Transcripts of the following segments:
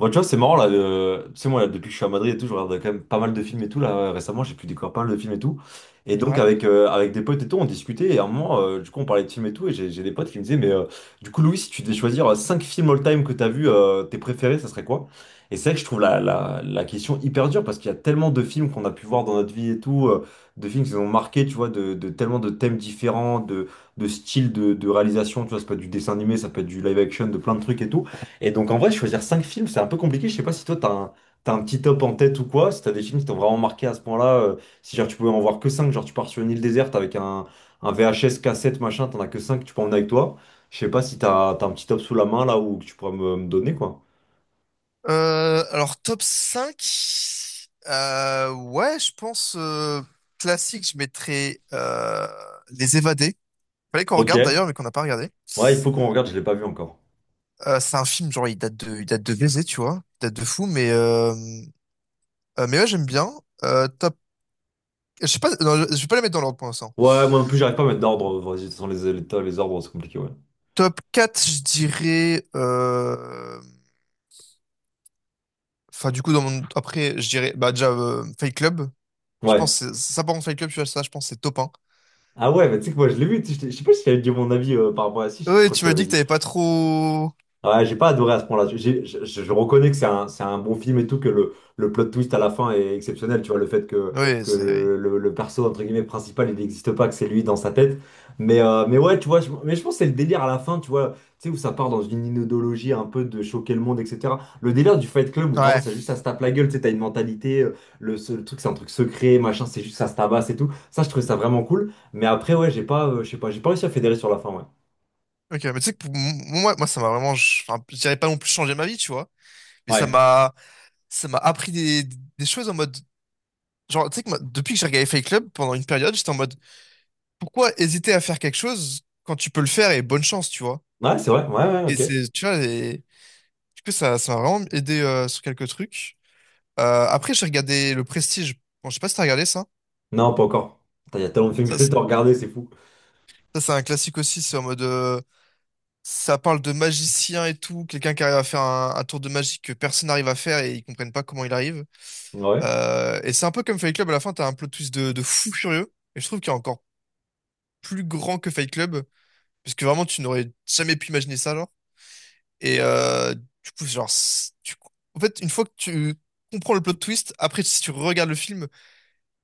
Bon, tu vois, c'est marrant là. Tu sais, moi, là, depuis que je suis à Madrid et tout, je regarde quand même pas mal de films et tout. Là, récemment, j'ai pu découvrir pas mal de films et tout. Et donc, Ouais. avec, avec des potes et tout, on discutait. Et à un moment, du coup, on parlait de films et tout. Et j'ai des potes qui me disaient, mais du coup, Louis, si tu devais choisir 5 films all-time que t'as vu, tes préférés, ça serait quoi? Et c'est vrai que je trouve la question hyper dure parce qu'il y a tellement de films qu'on a pu voir dans notre vie et tout, de films qui nous ont marqué, tu vois, de tellement de thèmes différents, de styles de réalisation. Tu vois, ça peut être du dessin animé, ça peut être du live action, de plein de trucs et tout. Et donc en vrai, choisir cinq films, c'est un peu compliqué. Je sais pas si toi, t'as un petit top en tête ou quoi, si t'as des films qui t'ont vraiment marqué à ce point-là, si genre tu pouvais en voir que cinq, genre tu pars sur une île déserte avec un VHS, cassette, machin, t'en as que cinq, que tu peux emmener avec toi. Je sais pas si t'as un petit top sous la main là ou que tu pourrais me donner quoi. Alors, top 5 ouais, je pense classique, je mettrais Les Évadés. Fallait qu'on Ok. regarde Ouais, d'ailleurs, mais qu'on n'a pas regardé. il faut qu'on regarde, je l'ai pas vu encore. C'est un film, genre, il date de baiser, tu vois. Il date de fou, mais ouais, j'aime bien. Euh, top, je sais pas, non, je vais pas les mettre dans l'ordre pour l'instant. Ouais, moi non plus, j'arrive pas à mettre d'ordre. Vas-y, sans les ordres, c'est compliqué, ouais. Top 4 je dirais. Enfin, du coup, dans mon... après, je dirais bah, déjà Fight Club. Je Ouais. pense que ça, par contre, Fight Club, tu vois, ça, je pense que c'est top. Ah ouais, mais tu sais que moi je l'ai vu, tu sais, je sais pas si j'avais dit mon avis par rapport à si, je Oui, crois que je tu te m'as l'avais dit que dit. t'avais pas trop. Ouais, j'ai pas adoré à ce point-là. Je reconnais que c'est un bon film et tout, que le plot twist à la fin est exceptionnel. Tu vois, le fait que, Oui, que c'est. Oui. le perso, entre guillemets, principal, il n'existe pas, que c'est lui dans sa tête. Mais ouais, tu vois, mais je pense que c'est le délire à la fin, tu vois, tu sais, où ça part dans une inodologie un peu de choquer le monde, etc. Le délire du Fight Club, où vraiment, Ouais. c'est juste ça se tape la gueule, tu sais, t'as une mentalité, le truc, c'est un truc secret, machin, c'est juste ça se tabasse et tout. Ça, je trouvais ça vraiment cool. Mais après, ouais, j'ai pas, je sais pas, j'ai pas réussi à fédérer sur la fin, ouais. Ok, mais tu sais que pour moi, ça m'a vraiment. Enfin, je dirais pas non plus changé ma vie, tu vois. Mais Ouais. Ça m'a appris des choses en mode. Genre, tu sais que moi, depuis que j'ai regardé Fight Club pendant une période, j'étais en mode, pourquoi hésiter à faire quelque chose quand tu peux le faire et bonne chance, tu vois. Ouais, c'est vrai, ouais, ouais, Et ok. c'est, tu vois, et... du coup, ça m'a vraiment aidé sur quelques trucs. Après, j'ai regardé Le Prestige. Bon, je sais pas si t'as regardé ça. Non, pas encore. Putain, il y a tellement de films Ça, que c'est j'ai regardé, c'est fou. Ça, c'est un classique aussi. C'est en mode. Ça parle de magicien et tout, quelqu'un qui arrive à faire un tour de magie que personne n'arrive à faire et ils comprennent pas comment il arrive. Ouais. Et c'est un peu comme Fight Club, à la fin, t'as un plot twist de fou furieux. Et je trouve qu'il est encore plus grand que Fight Club, parce que vraiment, tu n'aurais jamais pu imaginer ça, genre. Et du coup, genre, en fait, une fois que tu comprends le plot twist, après, si tu regardes le film,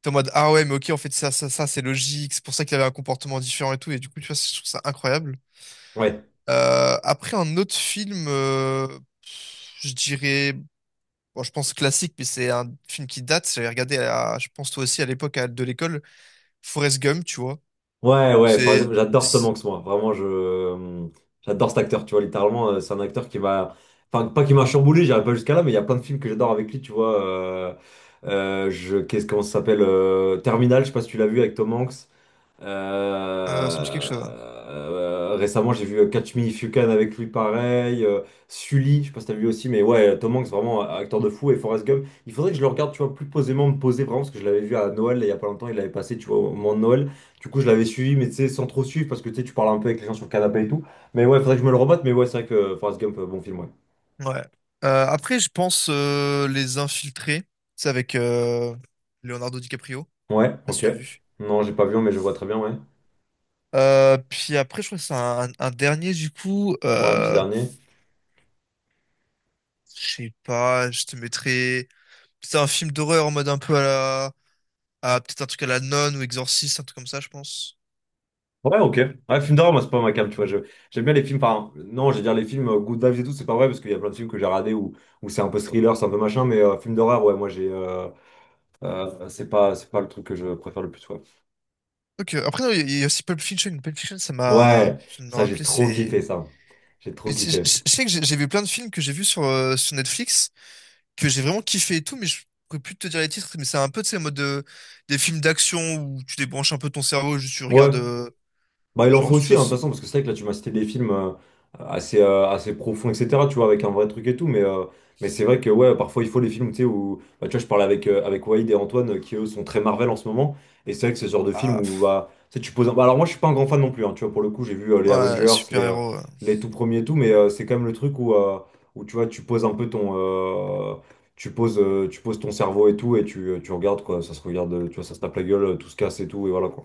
t'es en mode, ah ouais, mais ok, en fait, ça, c'est logique, c'est pour ça qu'il avait un comportement différent et tout. Et du coup, tu vois, je trouve ça incroyable. Ouais. Après, un autre film, je dirais, bon, je pense classique, mais c'est un film qui date. J'avais regardé, à, je pense toi aussi, à l'époque de l'école, Forrest Gump, tu vois. Ouais, ouais, par C'est, exemple, j'adore Tom c'est- Hanks, moi. Vraiment, j'adore cet acteur, tu vois. Littéralement, c'est un acteur qui m'a. Enfin, pas qui m'a chamboulé, j'irai pas jusqu'à là, mais il y a plein de films que j'adore avec lui, tu vois. Comment ça s'appelle Terminal, je sais pas si tu l'as vu avec Tom Hanks. Ça me dit quelque chose. Hein. Récemment, j'ai vu Catch Me If You Can avec lui, pareil. Sully, je sais pas si t'as vu aussi, mais ouais, Tom Hanks, vraiment un acteur de fou. Et Forrest Gump, il faudrait que je le regarde, tu vois, plus posément, me poser vraiment, parce que je l'avais vu à Noël, là, il y a pas longtemps, il l'avait passé, tu vois, au moment de Noël. Du coup, je l'avais suivi, mais tu sais, sans trop suivre, parce que tu sais, tu parles un peu avec les gens sur le canapé et tout. Mais ouais, faudrait que je me le remette, mais ouais, c'est vrai que Forrest Gump, bon film, ouais. Ouais. Après, je pense Les Infiltrés. C'est avec Leonardo DiCaprio. Je Ouais, sais pas si ok. tu l'as vu. Non, j'ai pas vu, mais je vois très bien, ouais. Puis après, je crois que c'est un dernier, du coup. Ouais, un petit dernier. Je sais pas, je te mettrais. C'est un film d'horreur en mode un peu à la. À peut-être un truc à la nonne ou exorciste, un truc comme ça, je pense. Ouais, ok. Ouais, film d'horreur, moi, c'est pas ma cam, tu vois. J'aime bien les films, enfin, non, j'allais dire les films Good Vibes et tout, c'est pas vrai, parce qu'il y a plein de films que j'ai regardés où c'est un peu thriller, c'est un peu machin, mais film d'horreur, ouais, moi, j'ai. C'est pas le truc que je préfère le plus, ouais. Ok, après, non, il y a aussi Pulp Fiction. Pulp Fiction, ça m'a. Ouais, Je viens de me ça, j'ai rappeler, trop kiffé, c'est. ça. J'ai trop Mais kiffé. je sais que j'ai vu plein de films que j'ai vus sur, sur Netflix, que j'ai vraiment kiffé et tout, mais je pourrais plus te dire les titres, mais c'est un peu, tu sais, en mode des films d'action où tu débranches un peu ton cerveau, juste tu Ouais. regardes, Bah, il en genre, faut tu aussi, vois, hein, de toute façon, parce que c'est vrai que là, tu m'as cité des films assez profonds, etc., tu vois, avec un vrai truc et tout, mais c'est vrai que, ouais, parfois, il faut les films, tu sais, où, bah, tu vois, je parlais avec Waïd et Antoine, qui, eux, sont très Marvel en ce moment, et c'est vrai que c'est ce genre de film ah, où, pff, bah, tu sais, bah, alors, moi, je suis pas un grand fan non plus, hein, tu vois, pour le coup, j'ai vu les ouais, Avengers, les, euh, super-héros. Ouais. les tout premiers et tout, mais c'est quand même le truc où, tu vois, tu poses un peu ton... tu poses ton cerveau et tout, et tu regardes, quoi, ça se regarde, tu vois, ça se tape la gueule, tout se casse et tout, et voilà, quoi.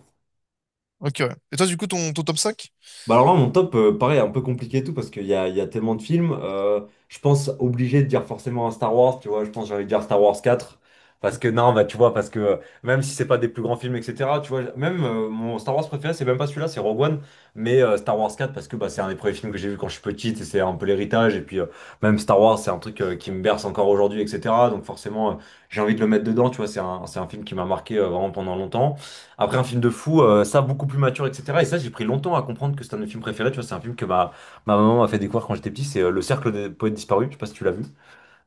Ok, ouais. Et toi, du coup, ton top cinq. Bah alors là, mon top, pareil, un peu compliqué et tout, parce qu'il y a tellement de films. Je pense obligé de dire forcément un Star Wars, tu vois, je pense que j'allais dire Star Wars quatre. Parce que non, bah tu vois, parce que même si c'est pas des plus grands films, etc., tu vois, même mon Star Wars préféré, c'est même pas celui-là, c'est Rogue One, mais Star Wars quatre parce que bah, c'est un des premiers films que j'ai vu quand je suis petite, et c'est un peu l'héritage, et puis même Star Wars, c'est un truc qui me berce encore aujourd'hui, etc., donc forcément, j'ai envie de le mettre dedans, tu vois, c'est un film qui m'a marqué vraiment pendant longtemps. Après, un film de fou, ça, beaucoup plus mature, etc. Et ça, j'ai pris longtemps à comprendre que c'était un de mes films préférés. Tu vois, c'est un film que ma maman m'a fait découvrir quand j'étais petit. C'est Le Cercle des poètes disparus. Je sais pas si tu l'as vu.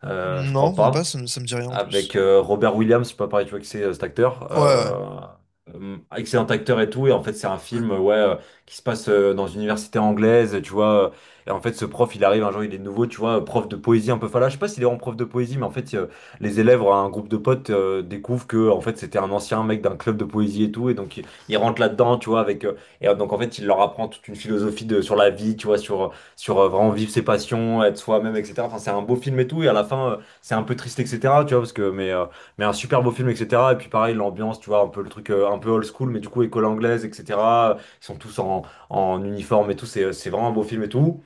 Je Non, crois même pas, pas, ça me dit rien en avec plus. Robert Williams, je sais pas pareil, tu vois que c'est cet acteur. Ouais, ouais. Excellent acteur et tout. Et en fait, c'est un film ouais, qui se passe dans une université anglaise, tu vois. Et en fait, ce prof, il arrive un jour, il est nouveau, tu vois, prof de poésie un peu fala. Je sais pas s'il est en prof de poésie, mais en fait, les élèves, un groupe de potes, découvrent que en fait, c'était un ancien mec d'un club de poésie et tout. Et donc, il rentre là-dedans, tu vois, avec. Et donc, en fait, il leur apprend toute une philosophie sur la vie, tu vois, sur vraiment vivre ses passions, être soi-même, etc. Enfin, c'est un beau film et tout. Et à la fin, c'est un peu triste, etc. Tu vois, mais un super beau film, etc. Et puis pareil, l'ambiance, tu vois, un peu le truc un peu old school, mais du coup, école anglaise, etc. Ils sont tous en uniforme et tout, c'est vraiment un beau film et tout.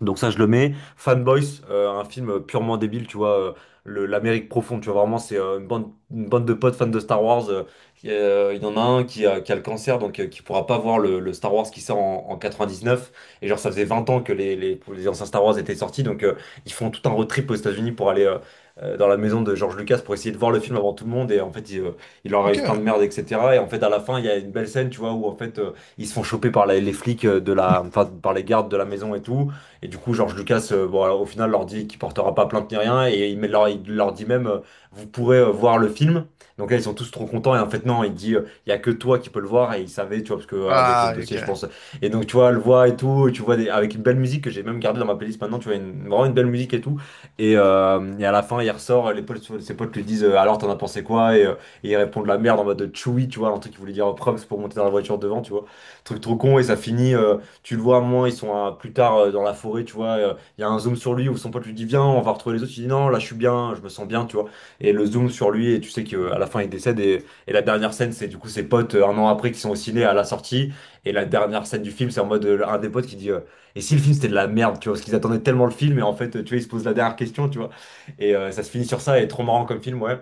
Donc ça, je le mets. Fanboys, un film purement débile, tu vois, l'Amérique profonde, tu vois, vraiment, c'est une bande de potes fans de Star Wars. Qui, il y en a un qui a le cancer, donc qui pourra pas voir le Star Wars qui sort en 99. Et genre, ça faisait 20 ans que les anciens Star Wars étaient sortis, donc ils font tout un road trip aux États-Unis pour aller dans la maison de George Lucas pour essayer de voir le film avant tout le monde. Et en fait, il leur Ok. arrive plein de merde, etc. Et en fait, à la fin, il y a une belle scène, tu vois, où en fait, ils se font choper par les flics de la, enfin, par les gardes de la maison et tout. Et du coup, George Lucas, au final, leur dit qu'il portera pas plainte ni rien, et il leur dit même, vous pourrez voir le film. Donc là, ils sont tous trop contents, et en fait, non, il dit, il y a que toi qui peux le voir, et il savait, tu vois, parce que avec les Ah, dossiers, je ok. pense. Et donc, tu vois, le voit et tout, et tu vois, avec une belle musique que j'ai même gardée dans ma playlist maintenant, tu vois, vraiment une belle musique et tout. Et à la fin, il ressort, ses potes lui disent, alors, t'en as pensé quoi? Et il répond la merde en mode Chewie, tu vois, un truc qu'il voulait dire props pour monter dans la voiture devant, tu vois. Truc trop con, et ça finit. Tu le vois à un moment, ils sont plus tard dans la forêt, tu vois, il y a un zoom sur lui où son pote lui dit viens, on va retrouver les autres, il dit non, là je suis bien, je me sens bien, tu vois. Et le zoom sur lui, et tu sais qu'à la fin il décède, et la dernière scène, c'est du coup ses potes 1 an après qui sont au ciné à la sortie, et la dernière scène du film, c'est en mode un des potes qui dit et si le film c'était de la merde, tu vois, parce qu'ils attendaient tellement le film, et en fait, tu vois, ils se posent la dernière question, tu vois. Ça se finit sur ça, et trop marrant comme film, ouais.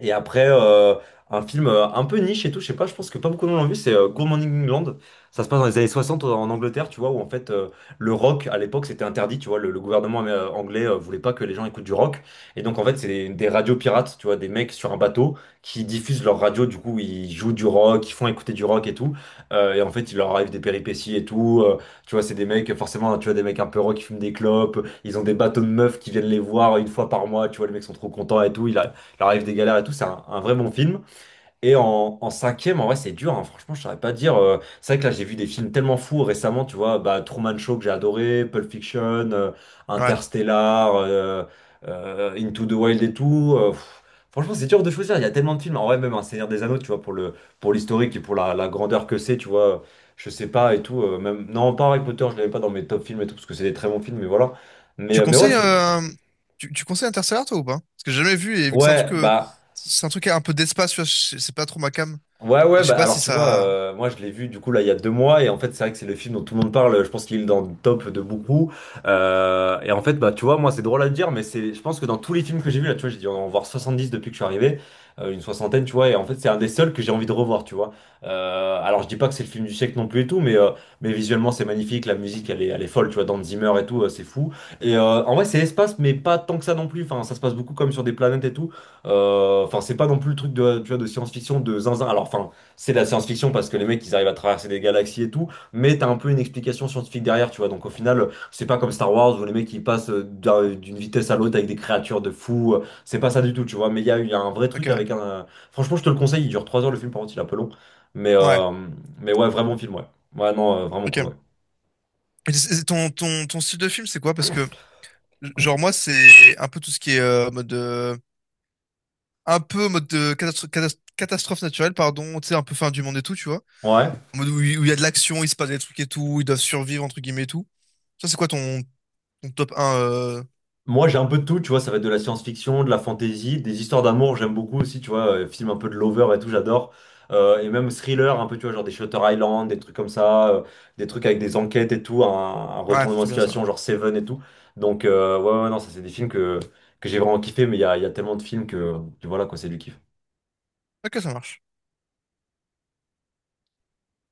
Et après, un film un peu niche et tout, je sais pas, je pense que pas beaucoup de monde l'ont vu, c'est Good Morning England. Ça se passe dans les années 60 en Angleterre, tu vois, où en fait le rock à l'époque c'était interdit, tu vois, le gouvernement anglais voulait pas que les gens écoutent du rock. Et donc en fait, c'est des radios pirates, tu vois, des mecs sur un bateau qui diffusent leur radio, du coup ils jouent du rock, ils font écouter du rock et tout. Et en fait, il leur arrive des péripéties et tout. Tu vois, c'est des mecs, forcément, tu vois, des mecs un peu rock qui fument des clopes, ils ont des bateaux de meufs qui viennent les voir une fois par mois, tu vois, les mecs sont trop contents et tout. Qui leur arrive des galères et tout. C'est un vrai bon film. Et en cinquième, en vrai, c'est dur. Hein. Franchement, je saurais pas dire. C'est vrai que là, j'ai vu des films tellement fous récemment. Tu vois, bah, Truman Show que j'ai adoré, Pulp Fiction, Ouais. Interstellar, Into the Wild et tout. Franchement, c'est dur de choisir. Il y a tellement de films. En vrai, même un Seigneur des Anneaux, tu vois, pour l'historique et pour la grandeur que c'est, tu vois, je sais pas et tout. Même, non, pas Harry Potter, je l'avais pas dans mes top films et tout, parce que c'est des très bons films, mais voilà. Mais, Tu euh, mais ouais, conseilles, euh, Tu, tu conseilles Interstellar, toi, ou pas? Parce que j'ai jamais vu, et vu que ouais, bah, c'est un truc qui a un peu d'espace, tu vois, c'est pas trop ma came. ouais, Et ouais, je sais bah pas alors si tu vois, ça... moi je l'ai vu du coup là il y a 2 mois, et en fait c'est vrai que c'est le film dont tout le monde parle, je pense qu'il est dans le top de beaucoup. Et en fait, bah tu vois, moi c'est drôle à dire, mais c'est, je pense que dans tous les films que j'ai vu là, tu vois, j'ai dû en voir 70 depuis que je suis arrivé, une soixantaine, tu vois, et en fait c'est un des seuls que j'ai envie de revoir, tu vois. Alors je dis pas que c'est le film du siècle non plus et tout, mais visuellement c'est magnifique, la musique elle est folle, tu vois, Dans Zimmer et tout, c'est fou. Et en vrai c'est l'espace, mais pas tant que ça non plus, enfin ça se passe beaucoup comme sur des planètes et tout. Enfin, c'est pas non plus le truc de, tu vois, de science-fiction de zinzin. Alors, enfin, c'est de la science-fiction parce que les mecs, ils arrivent à traverser des galaxies et tout, mais t'as un peu une explication scientifique derrière, tu vois. Donc, au final, c'est pas comme Star Wars où les mecs, ils passent d'une vitesse à l'autre avec des créatures de fous. C'est pas ça du tout, tu vois. Mais il y a un vrai Ok, truc ouais. avec un. Franchement, je te le conseille, il dure 3 heures le film, par contre, il est un peu long. Mais, Ouais, euh, mais ouais, vraiment film, ouais. Ouais, non, vraiment cool, ok. ouais. Et c'est ton style de film, c'est quoi? Parce que, genre, moi, c'est un peu tout ce qui est un peu mode de catastrophe naturelle, pardon, tu sais, un peu fin du monde et tout, tu vois. Ouais. En mode où il y a de l'action, il se passe des trucs et tout, ils doivent survivre, entre guillemets, et tout. Ça, c'est quoi ton top un Moi, j'ai un peu de tout, tu vois, ça va être de la science-fiction, de la fantasy, des histoires d'amour, j'aime beaucoup aussi, tu vois, film un peu de lover et tout, j'adore. Et même thriller, un peu, tu vois, genre des Shutter Island, des trucs comme ça, des trucs avec des enquêtes et tout, un Ouais, retournement de c'est bien ça. situation, genre Seven et tout. Donc, ouais, ouais, non, ça, c'est des films que j'ai vraiment kiffé, mais il y a tellement de films que voilà, quoi, c'est du kiff. Ok, ça marche.